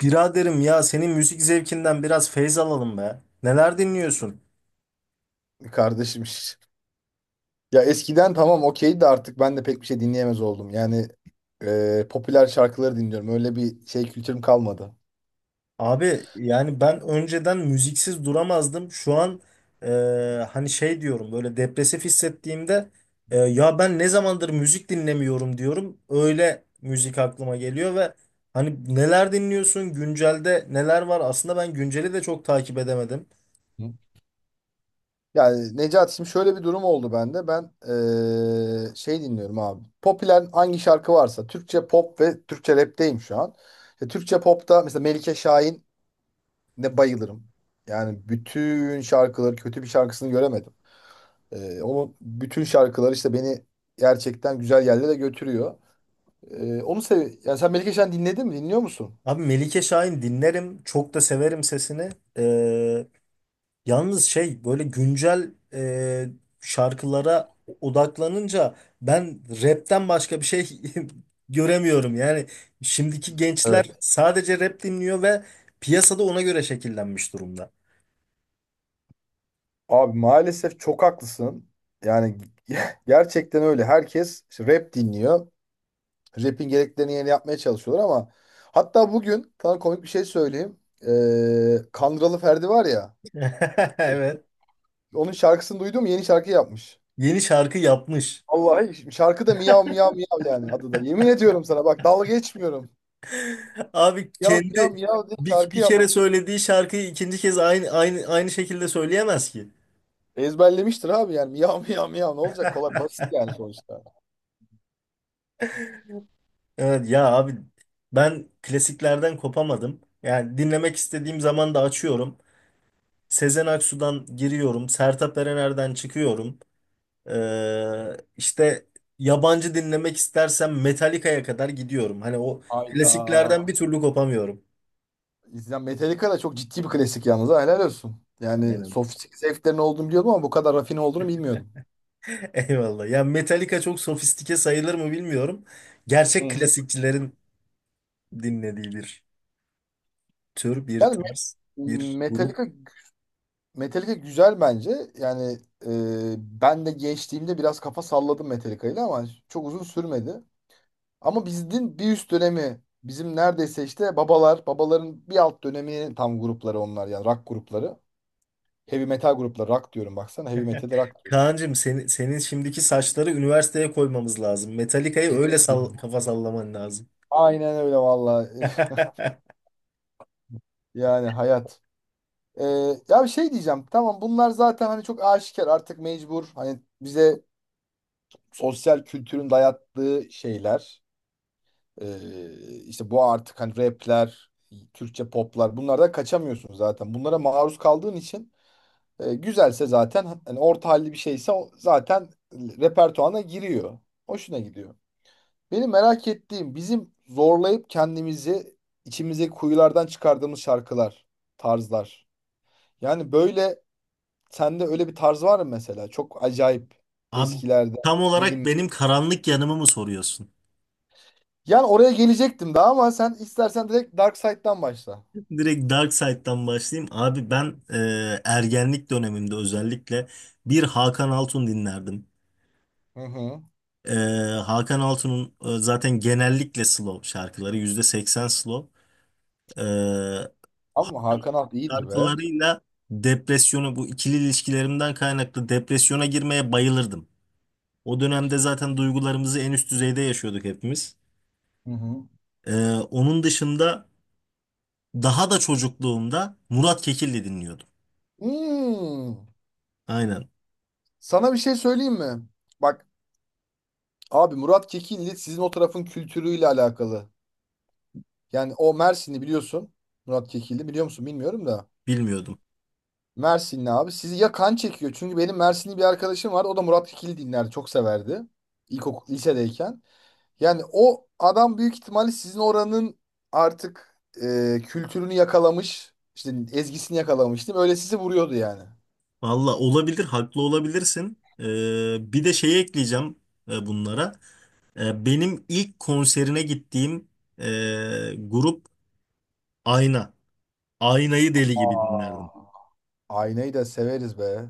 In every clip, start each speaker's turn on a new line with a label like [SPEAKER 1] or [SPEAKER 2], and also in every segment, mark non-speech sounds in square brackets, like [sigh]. [SPEAKER 1] Biraderim ya senin müzik zevkinden biraz feyz alalım be. Neler dinliyorsun?
[SPEAKER 2] Kardeşim [laughs] şş. Ya eskiden tamam okeydi de artık ben de pek bir şey dinleyemez oldum. Popüler şarkıları dinliyorum. Öyle bir şey kültürüm kalmadı.
[SPEAKER 1] Abi yani ben önceden müziksiz duramazdım. Şu an e, hani şey diyorum böyle depresif hissettiğimde ya ben ne zamandır müzik dinlemiyorum diyorum. Öyle müzik aklıma geliyor ve hani neler dinliyorsun? Güncelde neler var? Aslında ben günceli de çok takip edemedim.
[SPEAKER 2] Hı. Yani Necat, şimdi şöyle bir durum oldu bende. Ben Şey dinliyorum abi. Popüler hangi şarkı varsa Türkçe pop ve Türkçe rap'teyim şu an. İşte Türkçe pop'ta mesela Melike Şahin ne bayılırım. Yani bütün şarkıları, kötü bir şarkısını göremedim. Onun bütün şarkıları işte beni gerçekten güzel yerlere götürüyor. Onu sev. Yani sen Melike Şen dinledin mi? Dinliyor musun?
[SPEAKER 1] Abi Melike Şahin dinlerim. Çok da severim sesini. E, Yalnız şey böyle güncel şarkılara odaklanınca ben rapten başka bir şey [laughs] göremiyorum. Yani şimdiki gençler
[SPEAKER 2] Evet.
[SPEAKER 1] sadece rap dinliyor ve piyasada ona göre şekillenmiş durumda.
[SPEAKER 2] Abi maalesef çok haklısın. Yani [laughs] gerçekten öyle. Herkes işte rap dinliyor. Rap'in gereklerini yerine yapmaya çalışıyorlar ama hatta bugün sana komik bir şey söyleyeyim. Kandıralı Ferdi var ya.
[SPEAKER 1] [laughs] Evet.
[SPEAKER 2] Onun şarkısını duydum, yeni şarkı yapmış.
[SPEAKER 1] Yeni şarkı yapmış.
[SPEAKER 2] Vallahi şarkı da miyav miyav miyav yani adı da. Yemin ediyorum sana, bak dalga geçmiyorum.
[SPEAKER 1] Abi
[SPEAKER 2] Miyav miyav
[SPEAKER 1] kendi
[SPEAKER 2] miyav diye
[SPEAKER 1] bir,
[SPEAKER 2] şarkı
[SPEAKER 1] bir kere
[SPEAKER 2] yapmış.
[SPEAKER 1] söylediği şarkıyı ikinci kez aynı aynı aynı şekilde söyleyemez ki.
[SPEAKER 2] Ezberlemiştir abi, yani miyav miyav miyav, ne olacak, kolay basit yani sonuçta.
[SPEAKER 1] Evet ya abi ben klasiklerden kopamadım. Yani dinlemek istediğim zaman da açıyorum. Sezen Aksu'dan giriyorum. Sertab Erener'den çıkıyorum. İşte yabancı dinlemek istersem Metallica'ya kadar gidiyorum. Hani o
[SPEAKER 2] Hayda.
[SPEAKER 1] klasiklerden bir türlü kopamıyorum.
[SPEAKER 2] Ya Metallica da çok ciddi bir klasik yalnız, ha helal olsun. Yani
[SPEAKER 1] Aynen.
[SPEAKER 2] sofistik zevklerin olduğunu biliyordum ama bu kadar rafine olduğunu bilmiyordum.
[SPEAKER 1] [laughs] Eyvallah. Ya Metallica çok sofistike sayılır mı bilmiyorum.
[SPEAKER 2] Hı
[SPEAKER 1] Gerçek
[SPEAKER 2] hı.
[SPEAKER 1] klasikçilerin dinlediği bir bir
[SPEAKER 2] Yani
[SPEAKER 1] tarz,
[SPEAKER 2] Me-
[SPEAKER 1] bir grup.
[SPEAKER 2] Metallica, Metallica güzel bence. Yani e, Ben de gençliğimde biraz kafa salladım Metallica'yla ama çok uzun sürmedi. Ama bizim bir üst dönemi, bizim neredeyse işte babalar, babaların bir alt dönemi tam grupları onlar, yani rock grupları. Heavy metal grupları, rock diyorum baksana, heavy metal, rock diyoruz.
[SPEAKER 1] Kaan'cığım senin şimdiki saçları üniversiteye koymamız lazım. Metallica'yı
[SPEAKER 2] Heavy
[SPEAKER 1] öyle sall
[SPEAKER 2] diyorum.
[SPEAKER 1] kafa sallaman lazım.
[SPEAKER 2] Aynen öyle valla. [laughs]
[SPEAKER 1] [laughs]
[SPEAKER 2] Yani hayat. Ee, Ya bir şey diyeceğim. Tamam, bunlar zaten hani çok aşikar artık, mecbur. Hani bize sosyal kültürün dayattığı şeyler. İşte bu artık, hani rapler, Türkçe poplar, bunlardan kaçamıyorsun zaten. Bunlara maruz kaldığın için, güzelse zaten, hani orta halli bir şeyse o zaten repertuana giriyor. Hoşuna gidiyor. Benim merak ettiğim, bizim zorlayıp kendimizi içimizdeki kuyulardan çıkardığımız şarkılar, tarzlar. Yani böyle sende öyle bir tarz var mı mesela? Çok acayip
[SPEAKER 1] Abi
[SPEAKER 2] eskilerde
[SPEAKER 1] tam olarak
[SPEAKER 2] bilim.
[SPEAKER 1] benim karanlık yanımı mı soruyorsun?
[SPEAKER 2] Yani oraya gelecektim daha ama sen istersen direkt Dark Side'dan başla.
[SPEAKER 1] [laughs] Direkt Dark Side'dan başlayayım. Abi ben ergenlik dönemimde özellikle bir Hakan Altun dinlerdim.
[SPEAKER 2] Hı hı.
[SPEAKER 1] E, Hakan Altun'un zaten genellikle slow şarkıları %80 slow. E,
[SPEAKER 2] Ama Hakan Alt iyidir be.
[SPEAKER 1] Şarkılarıyla depresyona bu ikili ilişkilerimden kaynaklı depresyona girmeye bayılırdım. O dönemde zaten duygularımızı en üst düzeyde yaşıyorduk hepimiz.
[SPEAKER 2] Hı hı.
[SPEAKER 1] E, Onun dışında daha da çocukluğumda Murat Kekilli dinliyordum.
[SPEAKER 2] Hmm.
[SPEAKER 1] Aynen.
[SPEAKER 2] Sana bir şey söyleyeyim mi? Bak, abi, Murat Kekilli sizin o tarafın kültürüyle alakalı. Yani o Mersinli, biliyorsun. Murat Kekilli biliyor musun bilmiyorum da.
[SPEAKER 1] Bilmiyordum.
[SPEAKER 2] Mersinli abi. Sizi ya kan çekiyor. Çünkü benim Mersinli bir arkadaşım var. O da Murat Kekilli dinlerdi. Çok severdi. İlkokul, lisedeyken. Yani o adam büyük ihtimalle sizin oranın artık, kültürünü yakalamış, işte ezgisini yakalamış, değil mi? Öyle sizi vuruyordu yani.
[SPEAKER 1] Valla olabilir, haklı olabilirsin. Bir de şey ekleyeceğim bunlara. Benim ilk konserine gittiğim e, grup Ayna. Aynayı deli gibi
[SPEAKER 2] Aa.
[SPEAKER 1] dinlerdim.
[SPEAKER 2] Aynayı da severiz be.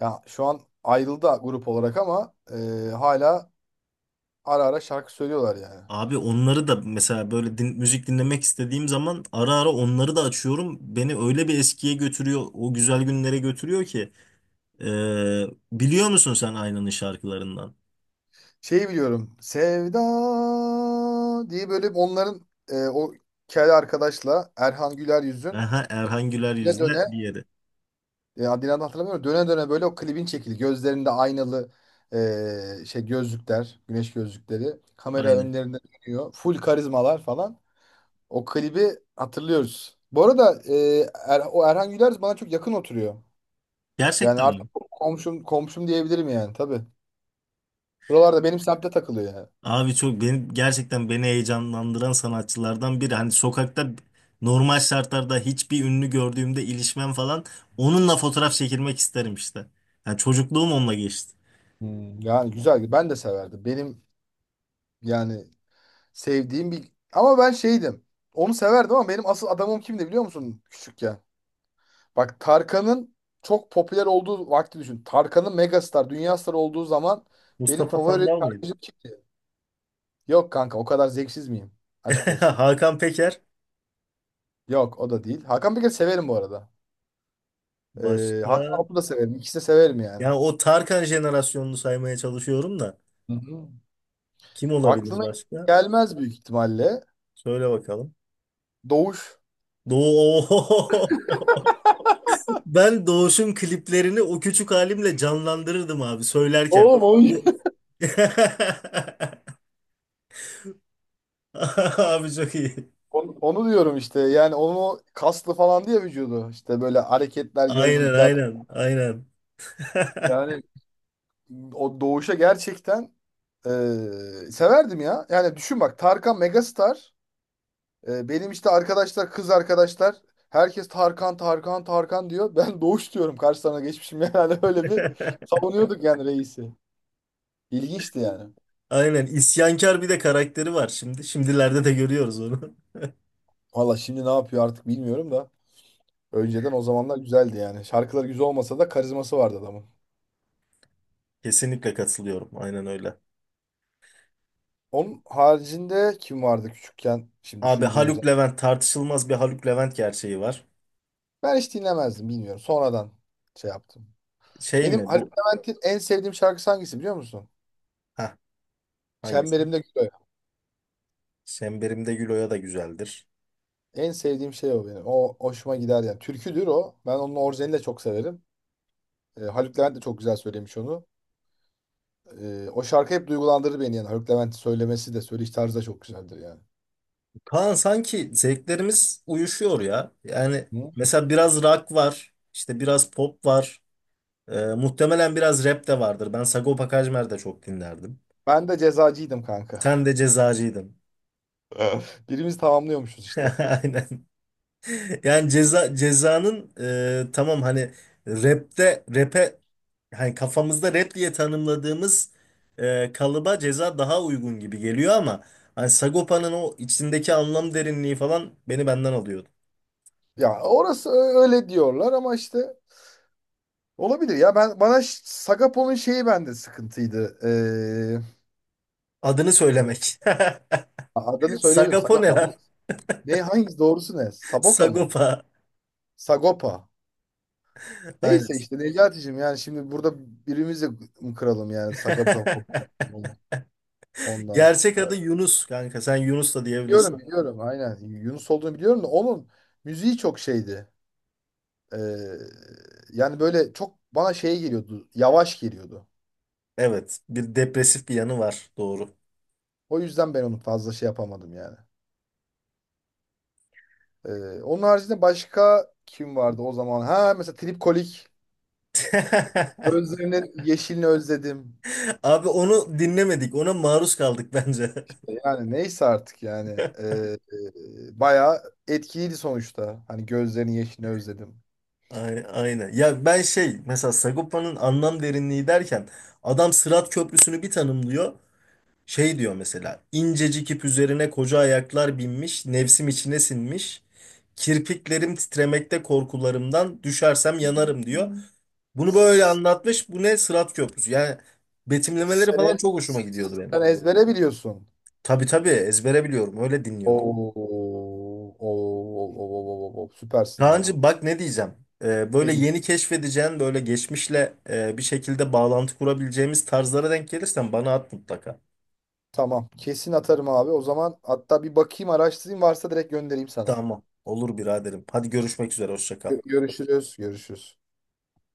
[SPEAKER 2] Ya şu an ayrıldı grup olarak ama hala ara ara şarkı söylüyorlar yani.
[SPEAKER 1] Abi onları da mesela böyle müzik dinlemek istediğim zaman ara ara onları da açıyorum. Beni öyle bir eskiye götürüyor, o güzel günlere götürüyor ki. Ee, Biliyor musun sen Aynanın şarkılarından?
[SPEAKER 2] Şeyi biliyorum. Sevda diye, böyle onların, o kel arkadaşla, Erhan Güler yüzün
[SPEAKER 1] Aha, Erhan Güler
[SPEAKER 2] ne
[SPEAKER 1] yüzle
[SPEAKER 2] döne,
[SPEAKER 1] diğeri.
[SPEAKER 2] adını hatırlamıyorum. Döne döne böyle o klibin çekildi. Gözlerinde aynalı, şey gözlükler, güneş gözlükleri. Kamera
[SPEAKER 1] Aynen.
[SPEAKER 2] önlerinde dönüyor. Full karizmalar falan. O klibi hatırlıyoruz. Bu arada o Erhan Güler bana çok yakın oturuyor. Yani
[SPEAKER 1] Gerçekten
[SPEAKER 2] artık
[SPEAKER 1] mi?
[SPEAKER 2] komşum komşum diyebilirim yani tabii. Buralarda, benim semtte takılıyor yani.
[SPEAKER 1] Abi çok beni gerçekten beni heyecanlandıran sanatçılardan biri. Hani sokakta normal şartlarda hiçbir ünlü gördüğümde ilişmem falan onunla fotoğraf çekilmek isterim işte. Yani çocukluğum onunla geçti.
[SPEAKER 2] Hmm, yani güzel. Ben de severdim. Benim yani sevdiğim bir... Ama ben şeydim. Onu severdim ama benim asıl adamım kimdi biliyor musun küçükken? Bak, Tarkan'ın çok popüler olduğu vakti düşün. Tarkan'ın megastar, dünya starı olduğu zaman benim
[SPEAKER 1] Mustafa
[SPEAKER 2] favori
[SPEAKER 1] Sandal mıydı?
[SPEAKER 2] şarkıcım kimdi? Yok kanka, o kadar zevksiz miyim? Aşk
[SPEAKER 1] [laughs]
[SPEAKER 2] olsun.
[SPEAKER 1] Hakan Peker.
[SPEAKER 2] Yok, o da değil. Hakan Peker severim bu arada. Hakan
[SPEAKER 1] Başka?
[SPEAKER 2] Altun'u da severim. İkisi de severim yani.
[SPEAKER 1] Yani o Tarkan jenerasyonunu saymaya çalışıyorum da.
[SPEAKER 2] Hı hı.
[SPEAKER 1] Kim olabilir
[SPEAKER 2] Aklına
[SPEAKER 1] başka?
[SPEAKER 2] gelmez büyük ihtimalle.
[SPEAKER 1] Söyle bakalım.
[SPEAKER 2] Doğuş.
[SPEAKER 1] Doğu. [laughs] Ben Doğuş'un kliplerini o küçük halimle canlandırırdım abi söylerken.
[SPEAKER 2] Oğlum o
[SPEAKER 1] Bu [laughs] abi çok iyi.
[SPEAKER 2] onu, onu diyorum işte. Yani onu kaslı falan diye, vücudu. İşte böyle hareketler,
[SPEAKER 1] Aynen
[SPEAKER 2] gözlükler.
[SPEAKER 1] aynen aynen.
[SPEAKER 2] Yani
[SPEAKER 1] [laughs]
[SPEAKER 2] o doğuşa gerçekten, severdim ya. Yani düşün bak, Tarkan megastar. E, benim işte arkadaşlar, kız arkadaşlar, herkes Tarkan, Tarkan, Tarkan diyor. [laughs] Ben doğuş diyorum, karşılarına geçmişim. Yani [laughs] öyle bir savunuyorduk yani reisi. İlginçti yani.
[SPEAKER 1] Aynen isyankar bir de karakteri var şimdi. Şimdilerde de görüyoruz onu.
[SPEAKER 2] Valla şimdi ne yapıyor artık bilmiyorum da. Önceden, o zamanlar güzeldi yani. Şarkıları güzel olmasa da karizması vardı adamın.
[SPEAKER 1] Kesinlikle katılıyorum. Aynen öyle.
[SPEAKER 2] Onun haricinde kim vardı küçükken? Şimdi
[SPEAKER 1] Abi
[SPEAKER 2] düşündüğüm
[SPEAKER 1] Haluk
[SPEAKER 2] zaman.
[SPEAKER 1] Levent tartışılmaz bir Haluk Levent gerçeği var.
[SPEAKER 2] Ben hiç dinlemezdim, bilmiyorum. Sonradan şey yaptım.
[SPEAKER 1] Şey
[SPEAKER 2] Benim
[SPEAKER 1] mi
[SPEAKER 2] Haluk
[SPEAKER 1] bu?
[SPEAKER 2] Levent'in en sevdiğim şarkısı hangisi biliyor musun?
[SPEAKER 1] Heh, hangisi?
[SPEAKER 2] Çemberimde Gül Oya.
[SPEAKER 1] Semberimde güloya da güzeldir.
[SPEAKER 2] En sevdiğim şey o benim. O hoşuma gider yani. Türküdür o. Ben onun orijinalini de çok severim. Haluk Levent de çok güzel söylemiş onu. O şarkı hep duygulandırır beni yani. Haluk Levent'in söylemesi de söyleyiş tarzı da çok güzeldir yani.
[SPEAKER 1] Kaan sanki zevklerimiz uyuşuyor ya. Yani
[SPEAKER 2] Hı?
[SPEAKER 1] mesela biraz rock var, işte biraz pop var. Muhtemelen biraz rap de vardır. Ben Sagopa Kajmer de çok dinlerdim.
[SPEAKER 2] Ben de cezacıydım kanka.
[SPEAKER 1] Sen de cezacıydın.
[SPEAKER 2] [laughs] Birimiz tamamlıyormuşuz işte.
[SPEAKER 1] [laughs] Aynen. Yani ceza cezanın tamam hani rap'e hani kafamızda rap diye tanımladığımız kalıba ceza daha uygun gibi geliyor ama hani Sagopa'nın o içindeki anlam derinliği falan beni benden alıyordu.
[SPEAKER 2] Öyle diyorlar ama işte olabilir ya, ben, bana Sagapo'nun şeyi bende sıkıntıydı.
[SPEAKER 1] Adını söylemek. [laughs]
[SPEAKER 2] Adını söyleyebilirim,
[SPEAKER 1] Sagapo ne
[SPEAKER 2] Sagapo. Adı-
[SPEAKER 1] lan?
[SPEAKER 2] ne, hangisi doğrusu, ne?
[SPEAKER 1] [laughs]
[SPEAKER 2] Saboka mı?
[SPEAKER 1] Sagopa.
[SPEAKER 2] Sagopa.
[SPEAKER 1] Aynen.
[SPEAKER 2] Neyse işte Necati'cim, yani şimdi burada birimizi mi kıralım yani Sagopa
[SPEAKER 1] [laughs]
[SPEAKER 2] ondan
[SPEAKER 1] Gerçek adı
[SPEAKER 2] sonra.
[SPEAKER 1] Yunus kanka. Sen Yunus da
[SPEAKER 2] Biliyorum
[SPEAKER 1] diyebilirsin.
[SPEAKER 2] biliyorum, aynen, Yunus olduğunu biliyorum da onun müziği çok şeydi. Ee, Yani böyle çok bana şey geliyordu, yavaş geliyordu.
[SPEAKER 1] Evet. Bir depresif bir yanı var. Doğru.
[SPEAKER 2] O yüzden ben onu fazla şey yapamadım yani. Onun haricinde başka kim vardı o zaman? Ha, mesela Trip Kolik.
[SPEAKER 1] [laughs]
[SPEAKER 2] Gözlerinin yeşilini özledim.
[SPEAKER 1] Abi onu dinlemedik. Ona maruz kaldık bence. [laughs]
[SPEAKER 2] Yani neyse artık yani. Ee, bayağı etkiliydi sonuçta. Hani gözlerinin yeşilini özledim.
[SPEAKER 1] Aynen. Ya ben şey mesela Sagopa'nın anlam derinliği derken adam Sırat Köprüsü'nü bir tanımlıyor. Şey diyor mesela incecik ip üzerine koca ayaklar binmiş nefsim içine sinmiş kirpiklerim titremekte korkularımdan düşersem yanarım diyor. Bunu böyle
[SPEAKER 2] S-
[SPEAKER 1] anlatmış. Bu ne? Sırat Köprüsü. Yani betimlemeleri falan
[SPEAKER 2] Sene,
[SPEAKER 1] çok hoşuma gidiyordu benim.
[SPEAKER 2] sen ezbere biliyorsun.
[SPEAKER 1] Tabii tabii ezbere biliyorum. Öyle dinliyordum.
[SPEAKER 2] Oo, oo, oo, oo, oo, oo, süpersin abi.
[SPEAKER 1] Kaan'cığım bak ne diyeceğim.
[SPEAKER 2] Ne
[SPEAKER 1] Böyle
[SPEAKER 2] diyeceğim?
[SPEAKER 1] yeni keşfedeceğin böyle geçmişle bir şekilde bağlantı kurabileceğimiz tarzlara denk gelirsen bana at mutlaka.
[SPEAKER 2] Tamam. Kesin atarım abi. O zaman hatta bir bakayım, araştırayım, varsa direkt göndereyim sana.
[SPEAKER 1] Tamam. Olur biraderim. Hadi görüşmek üzere. Hoşça kal.
[SPEAKER 2] Görüşürüz. Görüşürüz.